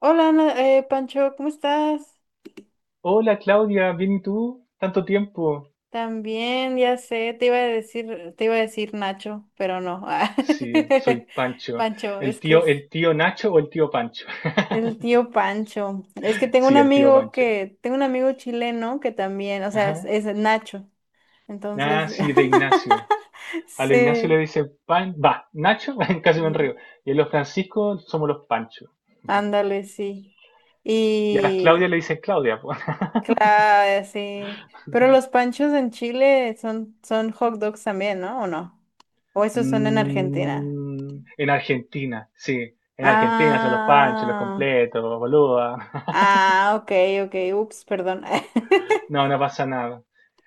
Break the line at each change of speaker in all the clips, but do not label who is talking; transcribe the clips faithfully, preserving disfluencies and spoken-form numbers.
Hola, Ana- eh, Pancho, ¿cómo estás?
Hola Claudia, ¿bien y tú? ¿Tanto tiempo?
También, ya sé, te iba a decir, te iba a decir Nacho, pero no. ah.
Sí, soy Pancho.
Pancho,
¿El
es que
tío,
es
el tío Nacho o el tío Pancho?
el tío Pancho. Es que tengo un
Sí, el tío
amigo
Pancho.
que, tengo un amigo chileno que también, o sea, es,
Ajá.
es Nacho. Entonces,
Ah, sí, de Ignacio. A lo Ignacio
sí,
le dice Pan, va, Nacho, casi me
mm,
enredo. Y a los Francisco somos los Pancho.
ándale, sí.
Y a las Claudia
Y,
le dicen Claudia, po.
claro, sí. Pero los panchos en Chile son, son hot dogs también, ¿no? ¿O no? ¿O esos son en Argentina?
Mm, en Argentina, sí. En Argentina son los Panchos, los
Ah,
completos, boluda.
ah, ok, ok, ups, perdón.
No, no pasa nada.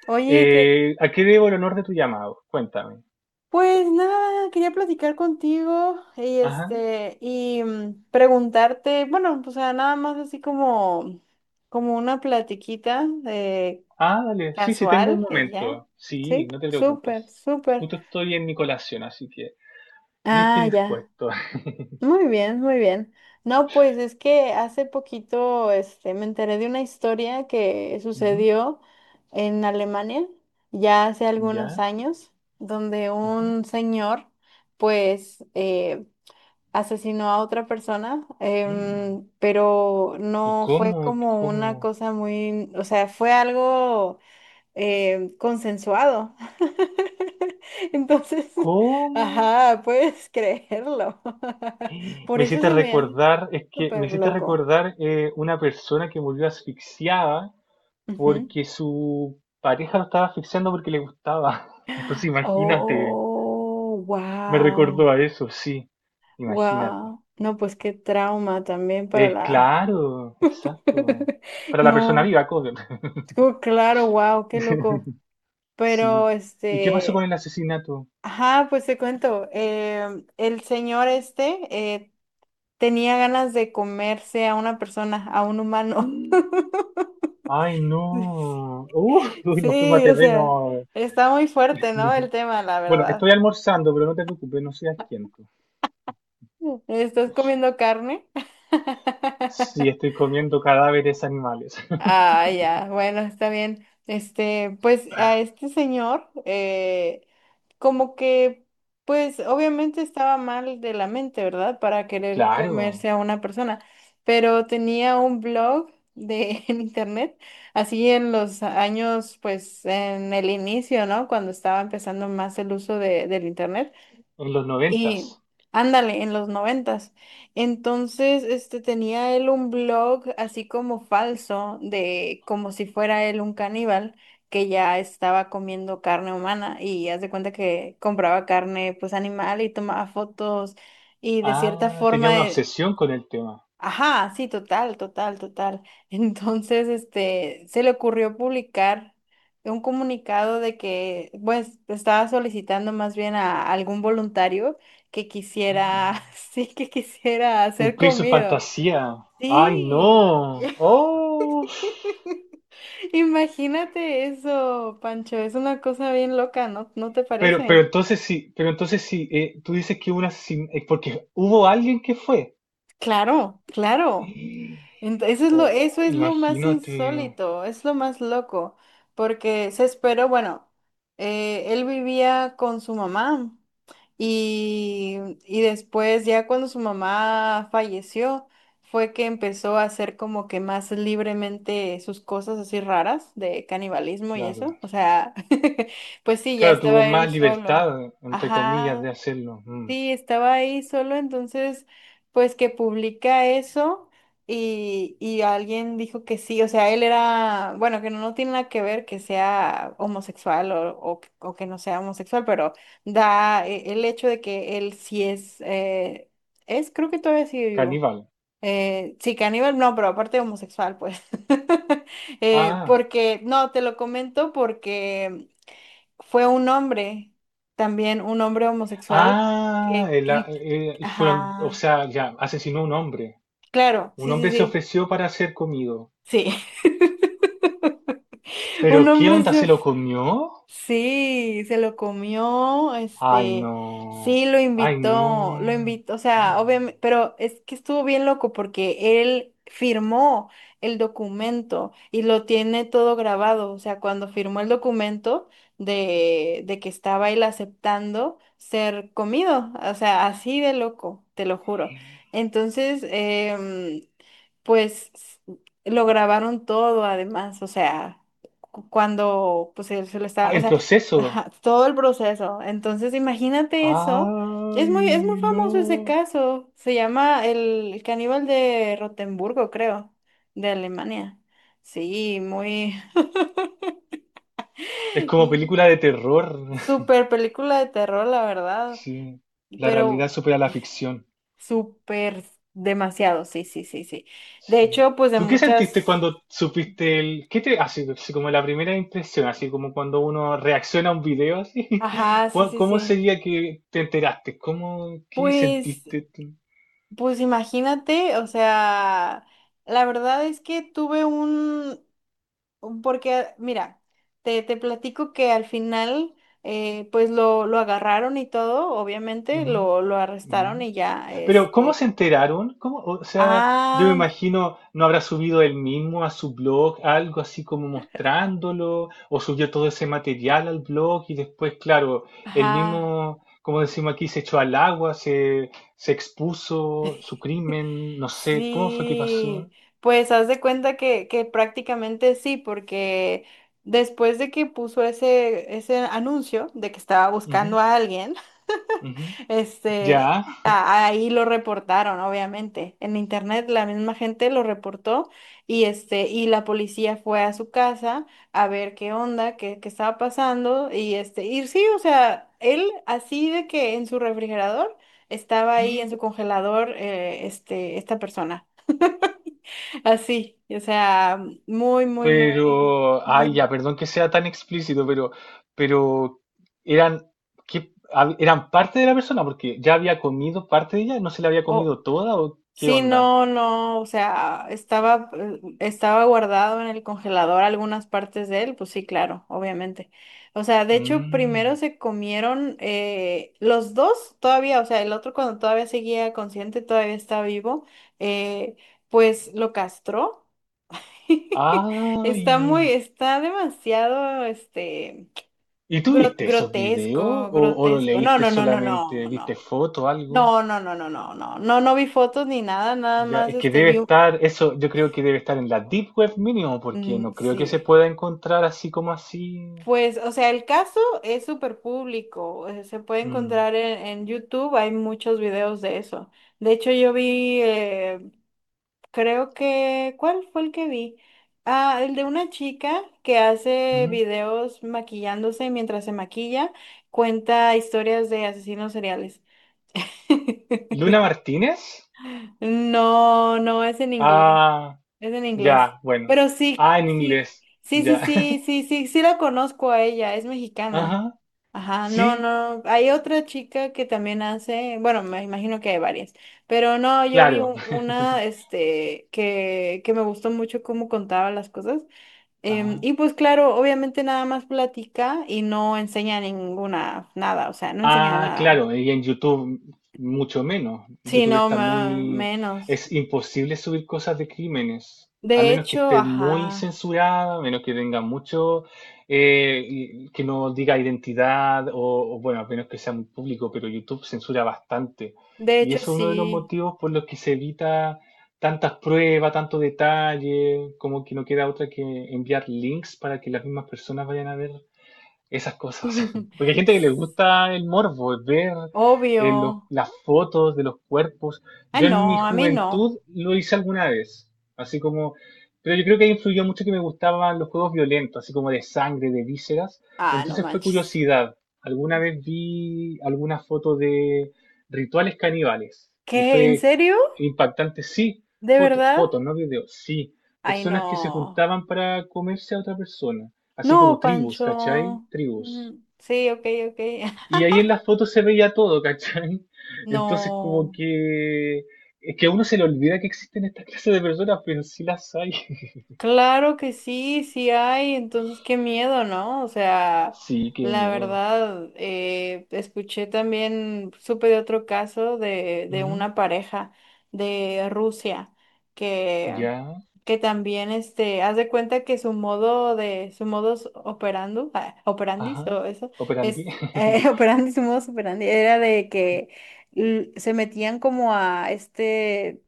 Oye, que,
Eh, ¿a qué debo el honor de tu llamado? Cuéntame.
pues nada, quería platicar contigo y
Ajá.
este, y mm, preguntarte, bueno, o sea, nada más así como, como una platiquita eh,
Ah, dale. Sí, sí, tengo un
casual y ya.
momento.
Sí,
Sí, no te
súper,
preocupes.
súper.
Justo estoy en mi colación, así que listo
Ah,
y
ya.
dispuesto.
Muy bien, muy bien. No, pues es que hace poquito este, me enteré de una historia que
Ujú.
sucedió en Alemania, ya hace algunos
¿Ya?
años, donde
Ujú.
un señor pues eh, asesinó a otra persona,
Mm.
em, pero
¿Y
no fue
cómo?
como una
¿Cómo?
cosa muy, o sea, fue algo eh, consensuado. Entonces,
¿Cómo?
ajá, puedes creerlo. Por
Me
eso
hiciste
se me hace
recordar, es que me
súper
hiciste
loco.
recordar eh, una persona que murió asfixiada
Ujú.
porque su pareja lo estaba asfixiando porque le gustaba. Entonces imagínate,
Oh,
me
wow,
recordó a eso, sí, imagínate.
wow. No, pues qué trauma también para
Eh,
la...
claro, exacto. Para la persona
No,
viva, cover.
oh, claro, wow, qué loco. Pero
Sí. ¿Y qué pasó con
este,
el asesinato?
ajá, pues te cuento, em, el señor este eh, tenía ganas de comerse a una persona, a un humano.
Ay, no. Uh, uy, nos fuimos a
Sí, o
terreno.
sea, está muy fuerte, ¿no? El tema, la
Bueno, estoy
verdad.
almorzando, pero no te preocupes, no seas quieto.
¿Estás comiendo carne?
Sí, estoy comiendo cadáveres animales.
Ah, ya, bueno, está bien. Este, pues a este señor, eh, como que, pues obviamente estaba mal de la mente, ¿verdad? Para querer
Claro,
comerse a una persona, pero tenía un blog de, en internet, así en los años, pues en el inicio, ¿no? Cuando estaba empezando más el uso de, del internet.
en los
Y
noventas.
ándale, en los noventas. Entonces, este tenía él un blog así como falso de como si fuera él un caníbal que ya estaba comiendo carne humana y haz de cuenta que compraba carne pues animal y tomaba fotos y de cierta
Ah, tenía
forma
una
eh,
obsesión con el tema.
ajá, sí, total, total, total. Entonces, este, se le ocurrió publicar un comunicado de que, pues, estaba solicitando más bien a algún voluntario que quisiera, sí, que quisiera ser
Cumplir su
comido.
fantasía. Ay,
Sí,
no. Oh.
imagínate eso, Pancho, es una cosa bien loca, ¿no? ¿No te
Pero, pero
parece?
entonces sí, pero entonces sí, eh, tú dices que hubo un asesin- eh, porque hubo alguien que fue.
Claro, claro. Ent- Eso es lo, eso
Oh,
es lo más
imagínate,
insólito, es lo más loco, porque se esperó, bueno, eh, él vivía con su mamá y, y después ya cuando su mamá falleció fue que empezó a hacer como que más libremente sus cosas así raras de canibalismo y
claro.
eso, o sea, pues sí, ya
Claro, tuvo
estaba él
más
solo.
libertad, entre comillas, de
Ajá.
hacerlo. Mm.
Sí, estaba ahí solo, entonces, pues que publica eso y, y alguien dijo que sí, o sea, él era, bueno, que no, no tiene nada que ver que sea homosexual o, o que o que no sea homosexual, pero da eh, el hecho de que él sí es, eh, es, creo que todavía sigue vivo.
Caníbal.
Eh, sí, caníbal, no, pero aparte homosexual, pues. Eh,
Ah,
porque, no, te lo comento porque fue un hombre, también un hombre homosexual,
ah,
que,
el
que
a-
el-
eh, fueron, o
ajá,
sea, ya, asesinó a un hombre.
claro,
Un
sí,
hombre se
sí,
ofreció para ser comido.
sí, sí. Un
Pero, ¿qué
hombre
onda?
se
¿Se lo comió?
sí, se lo comió,
Ay,
este,
no.
sí, lo
Ay,
invitó, lo
no.
invitó, o sea, obviamente, pero es que estuvo bien loco porque él firmó el documento y lo tiene todo grabado, o sea, cuando firmó el documento de, de que estaba él aceptando ser comido, o sea, así de loco, te lo juro. Entonces, em, pues s- lo grabaron todo además, o sea cu- cuando pues él se lo
Ah,
está, o
el
sea,
proceso.
ajá, todo el proceso. Entonces, imagínate eso. Es muy, es muy
Ay,
famoso ese
no.
caso. Se llama el caníbal de Rotemburgo, creo, de Alemania. Sí, muy
Es como
mm,
película de terror.
super película de terror, la verdad.
Sí. La realidad
Pero
supera la ficción.
súper demasiado, sí, sí, sí, sí. De
Sí.
hecho, pues de
¿Tú qué sentiste
muchas.
cuando supiste el... ¿Qué te... Así, así como la primera impresión, así como cuando uno reacciona a un video, así?
Ajá, sí,
¿Cuál-
sí,
¿Cómo
sí.
sería que te enteraste? ¿Cómo... ¿Qué
Pues
sentiste tú?
pues imagínate, o sea, la verdad es que tuve un, un- porque mira, te, te platico que al final, eh, pues lo, lo agarraron y todo, obviamente,
Ujú.
lo, lo arrestaron y ya,
Pero, ¿cómo
este,
se enteraron? ¿Cómo? O sea, yo me
ah,
imagino, ¿no habrá subido él mismo a su blog algo así como mostrándolo? ¿O subió todo ese material al blog y después, claro, él
ajá.
mismo, como decimos aquí, se echó al agua, se, se expuso su crimen, no sé, ¿cómo fue que
Sí,
pasó?
pues haz de cuenta que, que prácticamente sí, porque después de que puso ese, ese anuncio de que estaba
Ujú,
buscando a alguien,
ujú.
este,
Ya.
a- ahí lo reportaron, obviamente. En internet la misma gente lo reportó y este, y la policía fue a su casa a ver qué onda, qué, qué estaba pasando y este, y sí, o sea, él así de que en su refrigerador estaba ahí en su congelador, eh, este, esta persona, así, o sea, muy, muy, muy,
Pero,
muy,
ay, ya,
bien.
perdón que sea tan explícito, pero, pero eran, ¿qué- hab- eran parte de la persona, porque ya había comido parte de ella, no se la había comido toda, o qué
Sí,
onda?
no, no, o sea, estaba, eh, estaba guardado en el congelador algunas partes de él, pues sí, claro, obviamente. O sea, de hecho, primero
Mm.
se comieron eh, los dos todavía, o sea, el otro cuando todavía seguía consciente, todavía está vivo, eh, pues lo castró.
Ay,
Está muy, está demasiado, este,
¿y tú
gro-
viste esos videos o,
grotesco,
o lo
grotesco. No,
leíste
no, no, no, no,
solamente, viste
no.
foto o algo?
No, no, no, no, no, no, no, no vi fotos ni nada, nada
Ya,
más
es que
este
debe
vi un-
estar, eso yo creo que debe estar en la Deep Web mínimo, porque
mm,
no creo que se
sí.
pueda encontrar así como así.
Pues, o sea, el caso es súper público, eh, se puede
Mm,
encontrar en, en YouTube, hay muchos videos de eso. De hecho, yo vi, eh, creo que, ¿cuál fue el que vi? Ah, el de una chica que hace
ujú.
videos maquillándose mientras se maquilla, cuenta historias de asesinos seriales.
¿Luna Martínez?
No, no es en inglés.
Ah.
Es en inglés.
Ya, bueno.
Pero sí,
Ah, en
sí,
inglés.
sí, sí,
Ya.
sí, sí, sí, sí la conozco a ella, es mexicana.
Ajá.
Ajá, no,
Sí,
no, hay otra chica que también hace, bueno, me imagino que hay varias, pero no, yo vi
claro.
un- una, este, que, que me gustó mucho cómo contaba las cosas. Em,
Ajá.
y pues claro, obviamente nada más platica y no enseña ninguna, nada, o sea, no enseña
Ah,
nada.
claro, y en YouTube mucho menos.
Sí,
YouTube
no,
está
ma-
muy...
menos.
Es imposible subir cosas de crímenes, a
De
menos que
hecho,
esté muy
ajá,
censurada, a menos que tenga mucho, eh, y- que no diga identidad, o, o, bueno, a menos que sea muy público, pero YouTube censura bastante.
de
Y
hecho
eso es uno de los
sí.
motivos por los que se evita tantas pruebas, tanto detalle, como que no queda otra que enviar links para que las mismas personas vayan a ver esas cosas. Porque hay gente que le gusta el morbo, ver eh, los-
Obvio.
las fotos de los cuerpos.
Ah,
Yo en mi
no, a mí no.
juventud lo hice alguna vez, así como, pero yo creo que ahí influyó mucho que me gustaban los juegos violentos, así como de sangre, de vísceras.
Ah, no
Entonces fue
manches.
curiosidad. Alguna vez vi alguna foto de rituales caníbales y
¿Qué? ¿En
fue
serio?
impactante. Sí,
¿De
fotos,
verdad?
fotos, no videos, sí.
Ay, no.
Personas que se juntaban para comerse a otra persona así como
No,
tribus, ¿cachai?
Pancho.
Tribus.
Mm, sí, ok, ok.
Y ahí en las fotos se veía todo, ¿cachai? Entonces como
No.
que... Es que a uno se le olvida que existen estas clases de personas, pero sí las hay.
Claro que sí, sí hay. Entonces, qué miedo, ¿no? O sea,
Sí, qué
la
miedo.
verdad, eh, escuché también, supe de otro caso de, de
Ujú.
una pareja de Rusia que
Ya,
que también este haz de cuenta que su modo de su modus operando ah,
ajá.
operandis o eso
Operandi.
es eh, operandi su modus operandi era de que l- se metían como a este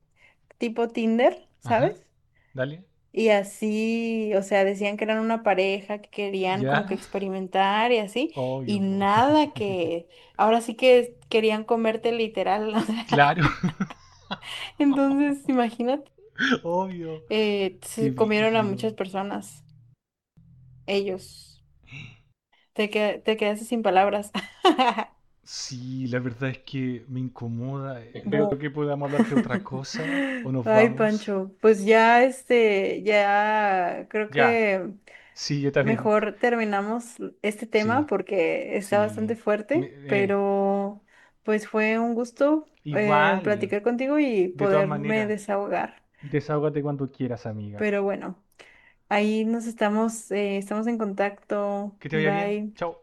tipo Tinder,
Ajá,
¿sabes?
dale.
Y así, o sea, decían que eran una pareja que querían como que
Ya.
experimentar y así y
Obvio, po.
nada que ahora sí que querían comerte literal, o sea,
Claro.
entonces imagínate
Obvio.
eh,
Qué
se comieron a
brígido.
muchas personas ellos. Te, que- te quedaste sin palabras.
Sí, la verdad es que me incomoda. eh.
Bu.
Creo que podamos hablar de otra cosa o nos
Ay,
vamos.
Pancho, pues ya este, ya creo
Ya,
que
sí, yo también.
mejor terminamos este tema
Sí,
porque está bastante
sí. Me-
fuerte,
eh,
pero pues fue un gusto eh,
Igual,
platicar contigo y
de todas
poderme
maneras.
desahogar.
Desahógate cuando quieras, amiga.
Pero bueno, ahí nos estamos, eh, estamos en contacto.
Que te vaya bien.
Bye.
Chao.